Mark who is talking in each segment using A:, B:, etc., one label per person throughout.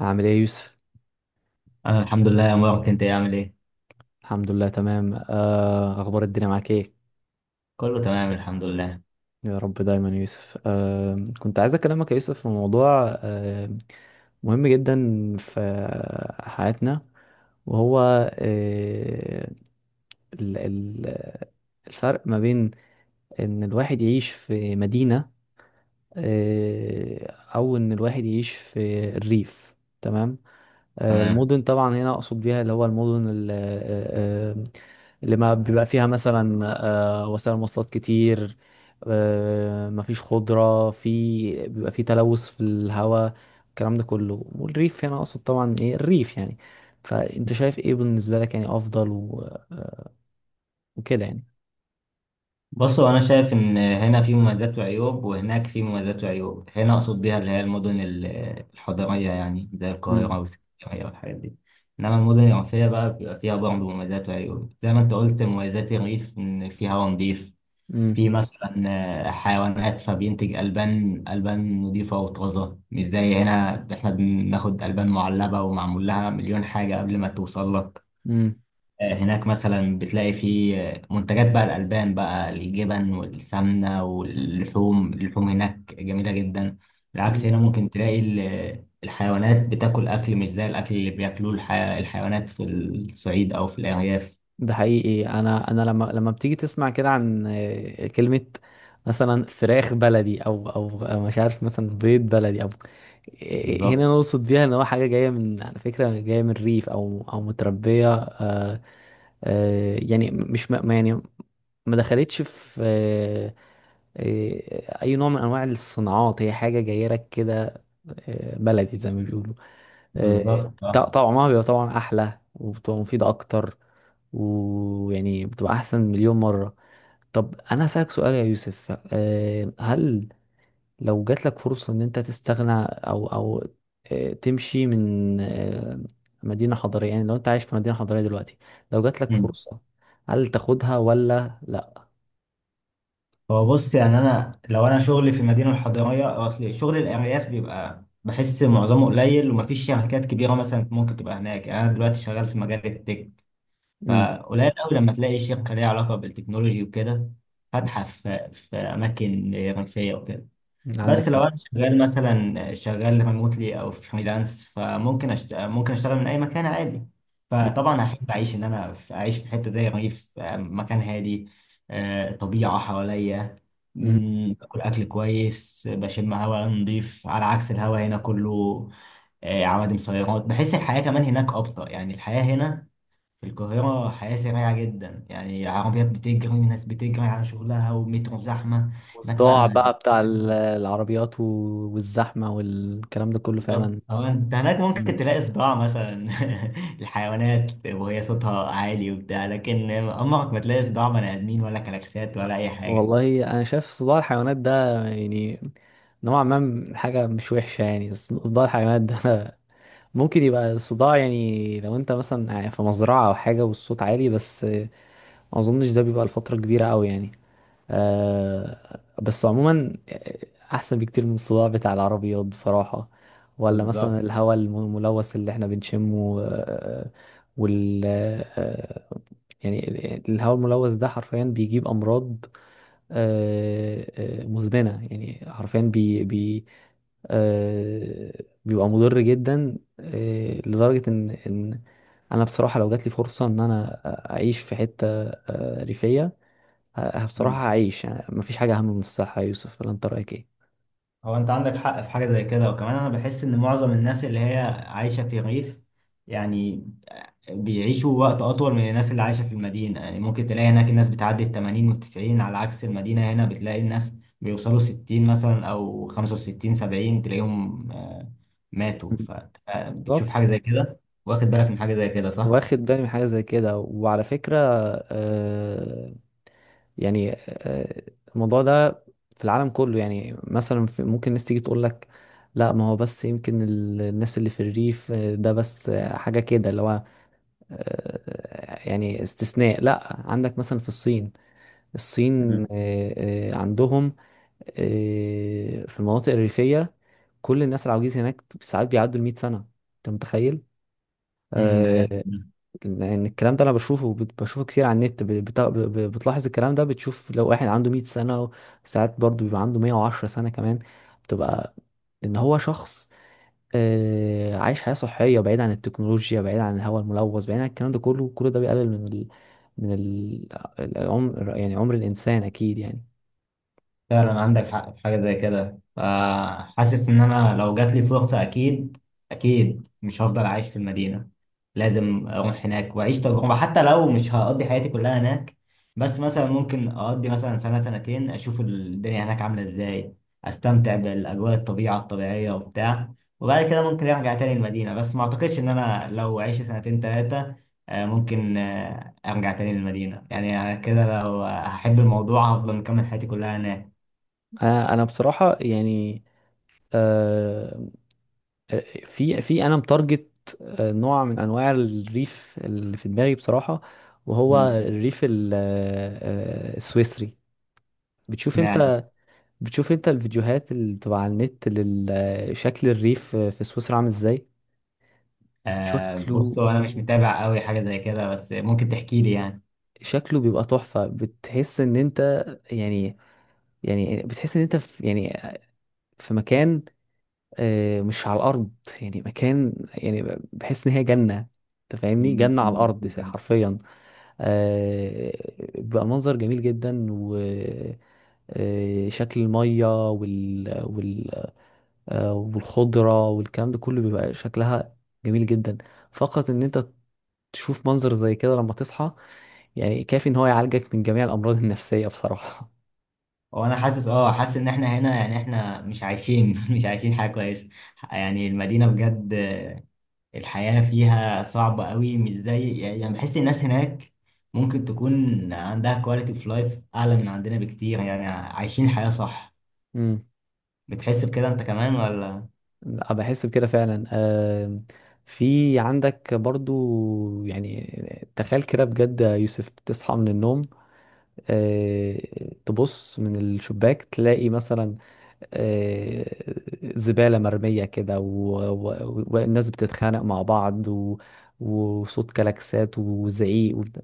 A: عامل ايه يا يوسف؟
B: انا الحمد لله يا مبارك، انت إيه؟ عامل ايه؟
A: الحمد لله تمام. اخبار الدنيا معاك ايه؟
B: كله تمام الحمد لله.
A: يا رب دايما يا يوسف. كنت عايز اكلمك يا يوسف في موضوع مهم جدا في حياتنا، وهو آه، ال- ال- الفرق ما بين ان الواحد يعيش في مدينة، آه، او ان الواحد يعيش في الريف، تمام.
B: تمام.
A: المدن طبعا هنا اقصد بيها اللي هو المدن اللي ما بيبقى فيها مثلا وسائل مواصلات كتير، مفيش خضرة، في بيبقى في تلوث في الهواء، الكلام ده كله. والريف هنا اقصد طبعا ايه الريف، يعني فانت شايف ايه بالنسبة لك، يعني افضل و- وكده يعني؟
B: بصوا، انا شايف ان هنا في مميزات وعيوب وهناك في مميزات وعيوب. هنا اقصد بيها اللي هي المدن الحضريه يعني زي القاهره
A: امم،
B: والاسكندريه والحاجات دي. انما المدن الريفيه بقى بيبقى فيها برضه مميزات وعيوب. زي ما انت قلت، مميزات الريف ان في هواء نظيف، في مثلا حيوانات فبينتج البان. البان نظيفه وطازه، مش زي هنا احنا بناخد البان معلبه ومعمول لها مليون حاجه قبل ما توصل لك.
A: امم.
B: هناك مثلا بتلاقي فيه منتجات بقى الألبان، بقى الجبن والسمنة واللحوم. اللحوم هناك جميلة جدا. بالعكس هنا ممكن تلاقي الحيوانات بتاكل أكل مش زي الأكل اللي بياكلوه الحيوانات في الصعيد أو في الأرياف.
A: ده حقيقي، انا لما بتيجي تسمع كده عن كلمه مثلا فراخ بلدي، او مش عارف مثلا بيض بلدي او، هنا
B: بالظبط.
A: نقصد بيها ان هو حاجه جايه، من على فكره جايه من الريف او متربيه، يعني مش يعني ما دخلتش في اي نوع من انواع الصناعات، هي حاجه جايه لك كده، بلدي زي ما بيقولوا. آه،
B: بالظبط آه.
A: طعمها بيبقى طبعا احلى، وبتبقى مفيده اكتر، ويعني بتبقى احسن مليون مره. طب انا هسألك سؤال يا يوسف، هل لو جات لك فرصة ان انت تستغنى، او تمشي من مدينة حضرية، يعني لو انت عايش في مدينة حضرية دلوقتي، لو جات لك
B: مم.
A: فرصة، هل تاخدها ولا لا؟
B: هو بص، يعني أنا لو أنا شغلي في المدينة الحضرية، أصل شغل الأرياف بيبقى بحس معظمه قليل ومفيش شركات كبيرة مثلا ممكن تبقى هناك. يعني أنا دلوقتي شغال في مجال التك،
A: امم.
B: فقليل قوي لما تلاقي شركة ليها علاقة بالتكنولوجي وكده فاتحة في أماكن ريفية وكده.
A: عندك
B: بس لو
A: حق.
B: أنا شغال مثلا، شغال ريموتلي أو فريلانس، فممكن ممكن أشتغل من أي مكان عادي.
A: مم.
B: فطبعا هحب أعيش إن أنا أعيش في حتة زي الريف، مكان هادي، طبيعة حواليا،
A: مم.
B: باكل أكل كويس، بشم هواء نضيف على عكس الهواء هنا كله عوادم سيارات. بحس الحياة كمان هناك أبطأ، يعني الحياة هنا في القاهرة حياة سريعة جدا، يعني عربيات بتجري وناس بتجري على شغلها ومترو زحمة. هناك
A: والصداع
B: بقى
A: بقى بتاع العربيات، والزحمة والكلام ده كله
B: بالظبط.
A: فعلا.
B: أو أنت هناك
A: مم.
B: ممكن تلاقي صداع مثلا الحيوانات وهي صوتها عالي وبتاع، لكن عمرك ما تلاقي صداع بني آدمين ولا كلاكسات ولا أي حاجة.
A: والله انا شايف صداع الحيوانات ده، يعني نوعا ما حاجة مش وحشة، يعني صداع الحيوانات ده. ممكن يبقى الصداع، يعني لو انت مثلا في مزرعة او حاجة والصوت عالي، بس ما اظنش ده بيبقى لفترة كبيرة قوي يعني. بس عموما، احسن بكتير من الصداع بتاع العربيات بصراحة، ولا
B: بالظبط.
A: مثلا الهواء الملوث اللي احنا بنشمه، وال آه، يعني الهواء الملوث ده حرفيا بيجيب امراض آه، مزمنة، يعني حرفيا بي بي آه، بيبقى مضر جدا، لدرجة إن أنا بصراحة، لو جاتلي فرصة إن أنا أعيش في حتة ريفية، بصراحة
B: مم.
A: هعيش. يعني مفيش حاجة أهم من الصحة يا يوسف، ولا أنت رأيك إيه؟
B: هو أنت عندك حق في حاجة زي كده، وكمان أنا بحس إن معظم الناس اللي هي عايشة في الريف، يعني بيعيشوا وقت أطول من الناس اللي عايشة في المدينة. يعني ممكن تلاقي هناك الناس بتعدي التمانين والتسعين، على عكس المدينة هنا بتلاقي الناس بيوصلوا ستين مثلا أو خمسة وستين، سبعين تلاقيهم ماتوا.
A: مم.
B: فبتشوف
A: بالظبط.
B: حاجة زي كده. واخد بالك من حاجة زي كده، صح؟
A: واخد بالي من حاجة زي كده. وعلى فكرة، آه، يعني الموضوع ده في العالم كله، يعني مثلا ممكن الناس تيجي تقول لك، لا، ما هو بس يمكن الناس اللي في الريف، ده بس، حاجة كده اللي هو، يعني استثناء. لا، عندك مثلا في الصين. الصين
B: مم.
A: آه، عندهم في المناطق الريفية، كل الناس العواجيز هناك ساعات بيعدوا 100 سنة. انت متخيل؟
B: امم، ده جامد.
A: آه، لان الكلام ده انا بشوفه كتير على النت، بتلاحظ الكلام ده، بتشوف لو واحد عنده 100 سنة، ساعات برضو بيبقى عنده 110 سنة كمان. بتبقى ان هو شخص عايش حياة صحية، بعيد عن التكنولوجيا، بعيد عن الهواء الملوث، بعيد عن الكلام ده كله. كل ده بيقلل من من ال... العمر، يعني عمر الإنسان أكيد، يعني.
B: فعلا عندك حق في حاجة زي كده. فحاسس إن أنا لو جات لي فرصة، أكيد أكيد مش هفضل عايش في المدينة. لازم أروح هناك وأعيش تجربة حتى لو مش هقضي حياتي كلها هناك. بس مثلا ممكن أقضي مثلا سنة سنتين، أشوف الدنيا هناك عاملة إزاي، أستمتع بالأجواء الطبيعة الطبيعية وبتاع. وبعد كده ممكن أرجع تاني المدينة. بس ما أعتقدش إن أنا لو عشت سنتين تلاتة، ممكن أرجع تاني للمدينة. يعني أنا كده لو هحب الموضوع هفضل مكمل حياتي كلها هناك.
A: أنا بصراحة يعني، آه، في أنا متارجت نوع من أنواع الريف اللي في دماغي بصراحة، وهو
B: مم.
A: الريف السويسري. بتشوف
B: معنى
A: انت بتشوف انت الفيديوهات اللي بتبقى على النت، لشكل الريف في سويسرا عامل ازاي.
B: آه،
A: شكله،
B: بص، هو انا مش متابع قوي حاجه زي كده، بس ممكن تحكي لي يعني.
A: بيبقى تحفة. بتحس ان انت، يعني، بتحس ان انت في، يعني، في مكان مش على الارض، يعني مكان، يعني بحس ان هي جنة. انت فاهمني،
B: مم،
A: جنة
B: أنا
A: على الارض
B: موجود يعني.
A: حرفيا. آه، بيبقى المنظر جميل جدا، و شكل المية والخضرة والكلام ده كله بيبقى شكلها جميل جدا. فقط ان انت تشوف منظر زي كده لما تصحى، يعني كافي ان هو يعالجك من جميع الامراض النفسية بصراحة.
B: هو انا حاسس، اه حاسس ان احنا هنا يعني احنا مش عايشين مش عايشين حاجه كويسه. يعني المدينه بجد الحياه فيها صعبه قوي، مش زي يعني، بحس الناس هناك ممكن تكون عندها كواليتي اوف لايف اعلى من عندنا بكتير، يعني عايشين الحياه صح.
A: امم.
B: بتحس بكده انت كمان ولا؟
A: بحس بكده فعلا. في عندك برضو، يعني تخيل كده بجد يا يوسف، تصحى من النوم، تبص من الشباك تلاقي مثلا آه، زبالة مرمية كده و- و- والناس بتتخانق مع بعض، وصوت كلاكسات وزعيق وبتاع.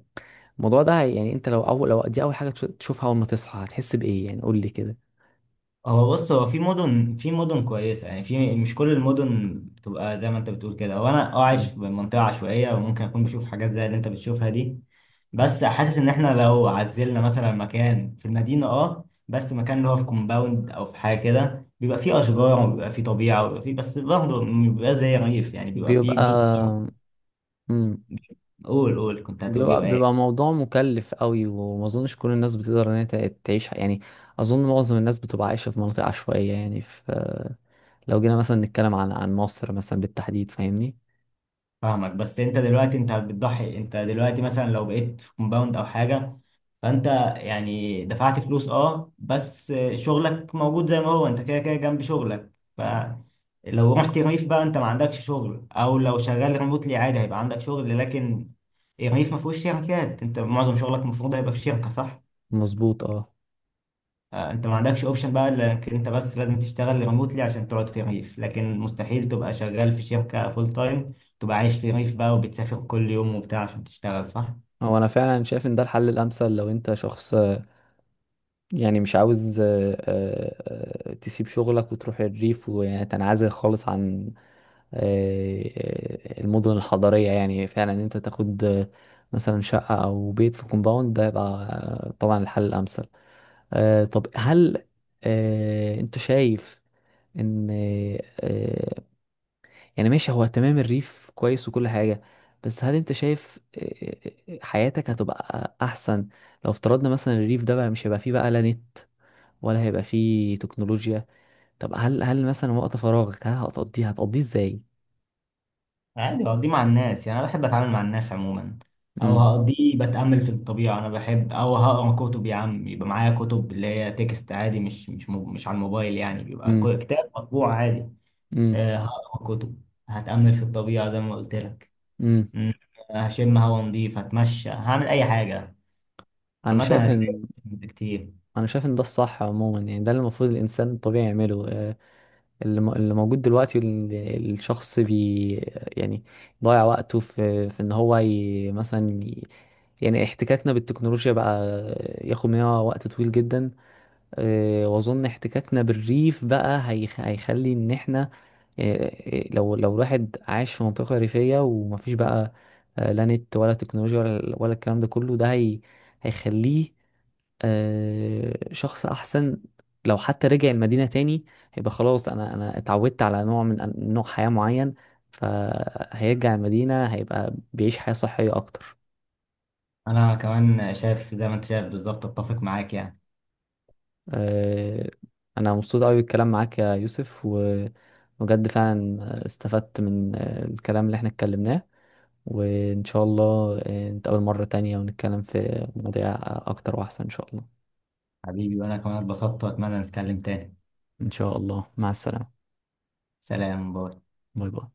A: الموضوع ده، يعني انت لو اول، لو دي اول حاجة تشوفها اول ما تصحى، هتحس بإيه يعني؟ قول لي كده.
B: هو بص، هو في مدن، في مدن كويسة، يعني في مش كل المدن بتبقى زي ما انت بتقول كده. هو انا اه عايش
A: مم.
B: في منطقة عشوائية وممكن اكون بشوف حاجات زي اللي انت بتشوفها دي. بس حاسس ان احنا لو عزلنا مثلا مكان في المدينة، اه بس مكان اللي هو في كومباوند او في حاجة كده، بيبقى فيه اشجار وبيبقى فيه طبيعة وبيبقى فيه، بس برضه بيبقى زي ريف، يعني بيبقى فيه
A: بيبقى.
B: جزء.
A: مم.
B: قول قول، كنت هتقول
A: بيبقى
B: بيبقى إيه؟
A: بيبقى موضوع مكلف قوي، وما اظنش كل الناس بتقدر ان هي تعيش يعني. اظن معظم الناس بتبقى عايشه في مناطق عشوائيه، يعني في. لو جينا مثلا نتكلم عن مصر مثلا بالتحديد، فاهمني.
B: فاهمك. بس انت دلوقتي انت بتضحي. انت دلوقتي مثلا لو بقيت في كومباوند او حاجه، فانت يعني دفعت فلوس، اه بس شغلك موجود زي ما هو، انت كده كده جنب شغلك. فلو رحت ريف بقى، انت ما عندكش شغل، او لو شغال ريموتلي عادي هيبقى عندك شغل، لكن الريف ما فيهوش شركات. انت معظم شغلك المفروض هيبقى في شركه، صح؟
A: مظبوط، اه.
B: انت ما عندكش اوبشن بقى، لانك انت بس لازم تشتغل ريموتلي عشان تقعد في ريف، لكن مستحيل تبقى شغال في شركة فول تايم، تبقى عايش في ريف بقى وبتسافر كل يوم وبتاع عشان تشتغل، صح؟
A: هو انا فعلا شايف ان ده الحل الامثل، لو انت شخص يعني مش عاوز تسيب شغلك وتروح الريف، ويعني تنعزل خالص عن المدن الحضريه. يعني فعلا ان انت تاخد مثلا شقه او بيت في كومباوند، ده يبقى طبعا الحل الامثل. طب هل، انت شايف ان، آه يعني ماشي هو، تمام الريف كويس وكل حاجة. بس هل انت شايف، حياتك هتبقى احسن لو افترضنا مثلا الريف ده بقى مش هيبقى فيه بقى لا نت ولا هيبقى فيه تكنولوجيا؟ طب هل مثلا وقت فراغك، هل هتقضيه ازاي؟
B: عادي، هقضيه مع الناس يعني انا بحب اتعامل مع الناس عموما، او
A: امم،
B: هقضيه بتأمل في الطبيعة. انا بحب، او هقرا كتب يا عم. يبقى معايا كتب اللي هي تكست عادي، مش على الموبايل، يعني بيبقى
A: امم،
B: كتاب مطبوع عادي.
A: امم،
B: هقرا كتب، هتأمل في الطبيعة زي ما قلت لك.
A: امم.
B: مم، هشم هوا نضيف، هتمشى، هعمل اي حاجة
A: انا
B: عامة
A: شايف
B: هتلاقي
A: ان
B: كتير.
A: انا شايف ان ده الصح عموما، يعني ده اللي المفروض الانسان الطبيعي يعمله. اللي موجود دلوقتي، الشخص بي، يعني ضيع وقته في ان هو مثلا يعني احتكاكنا بالتكنولوجيا بقى ياخد مننا وقت طويل جدا. واظن احتكاكنا بالريف بقى هيخلي ان احنا، آه، لو الواحد عايش في منطقة ريفية ومفيش بقى لا نت ولا تكنولوجيا ولا الكلام ده كله، ده هيخليه شخص احسن. لو حتى رجع المدينة تاني، هيبقى خلاص انا اتعودت على نوع من نوع حياة معين، فهيرجع المدينة، هيبقى بيعيش حياة صحية اكتر.
B: أنا كمان شايف زي ما أنت شايف بالظبط، أتفق معاك يعني.
A: آه، انا مبسوط قوي بالكلام معاك يا يوسف، وبجد فعلا استفدت من الكلام اللي احنا اتكلمناه، وان شاء الله نتقابل مرة تانية ونتكلم في مواضيع اكتر واحسن ان شاء الله.
B: حبيبي، وأنا كمان اتبسطت وأتمنى نتكلم تاني.
A: ان شاء الله، مع السلامة.
B: سلام، باي.
A: باي باي.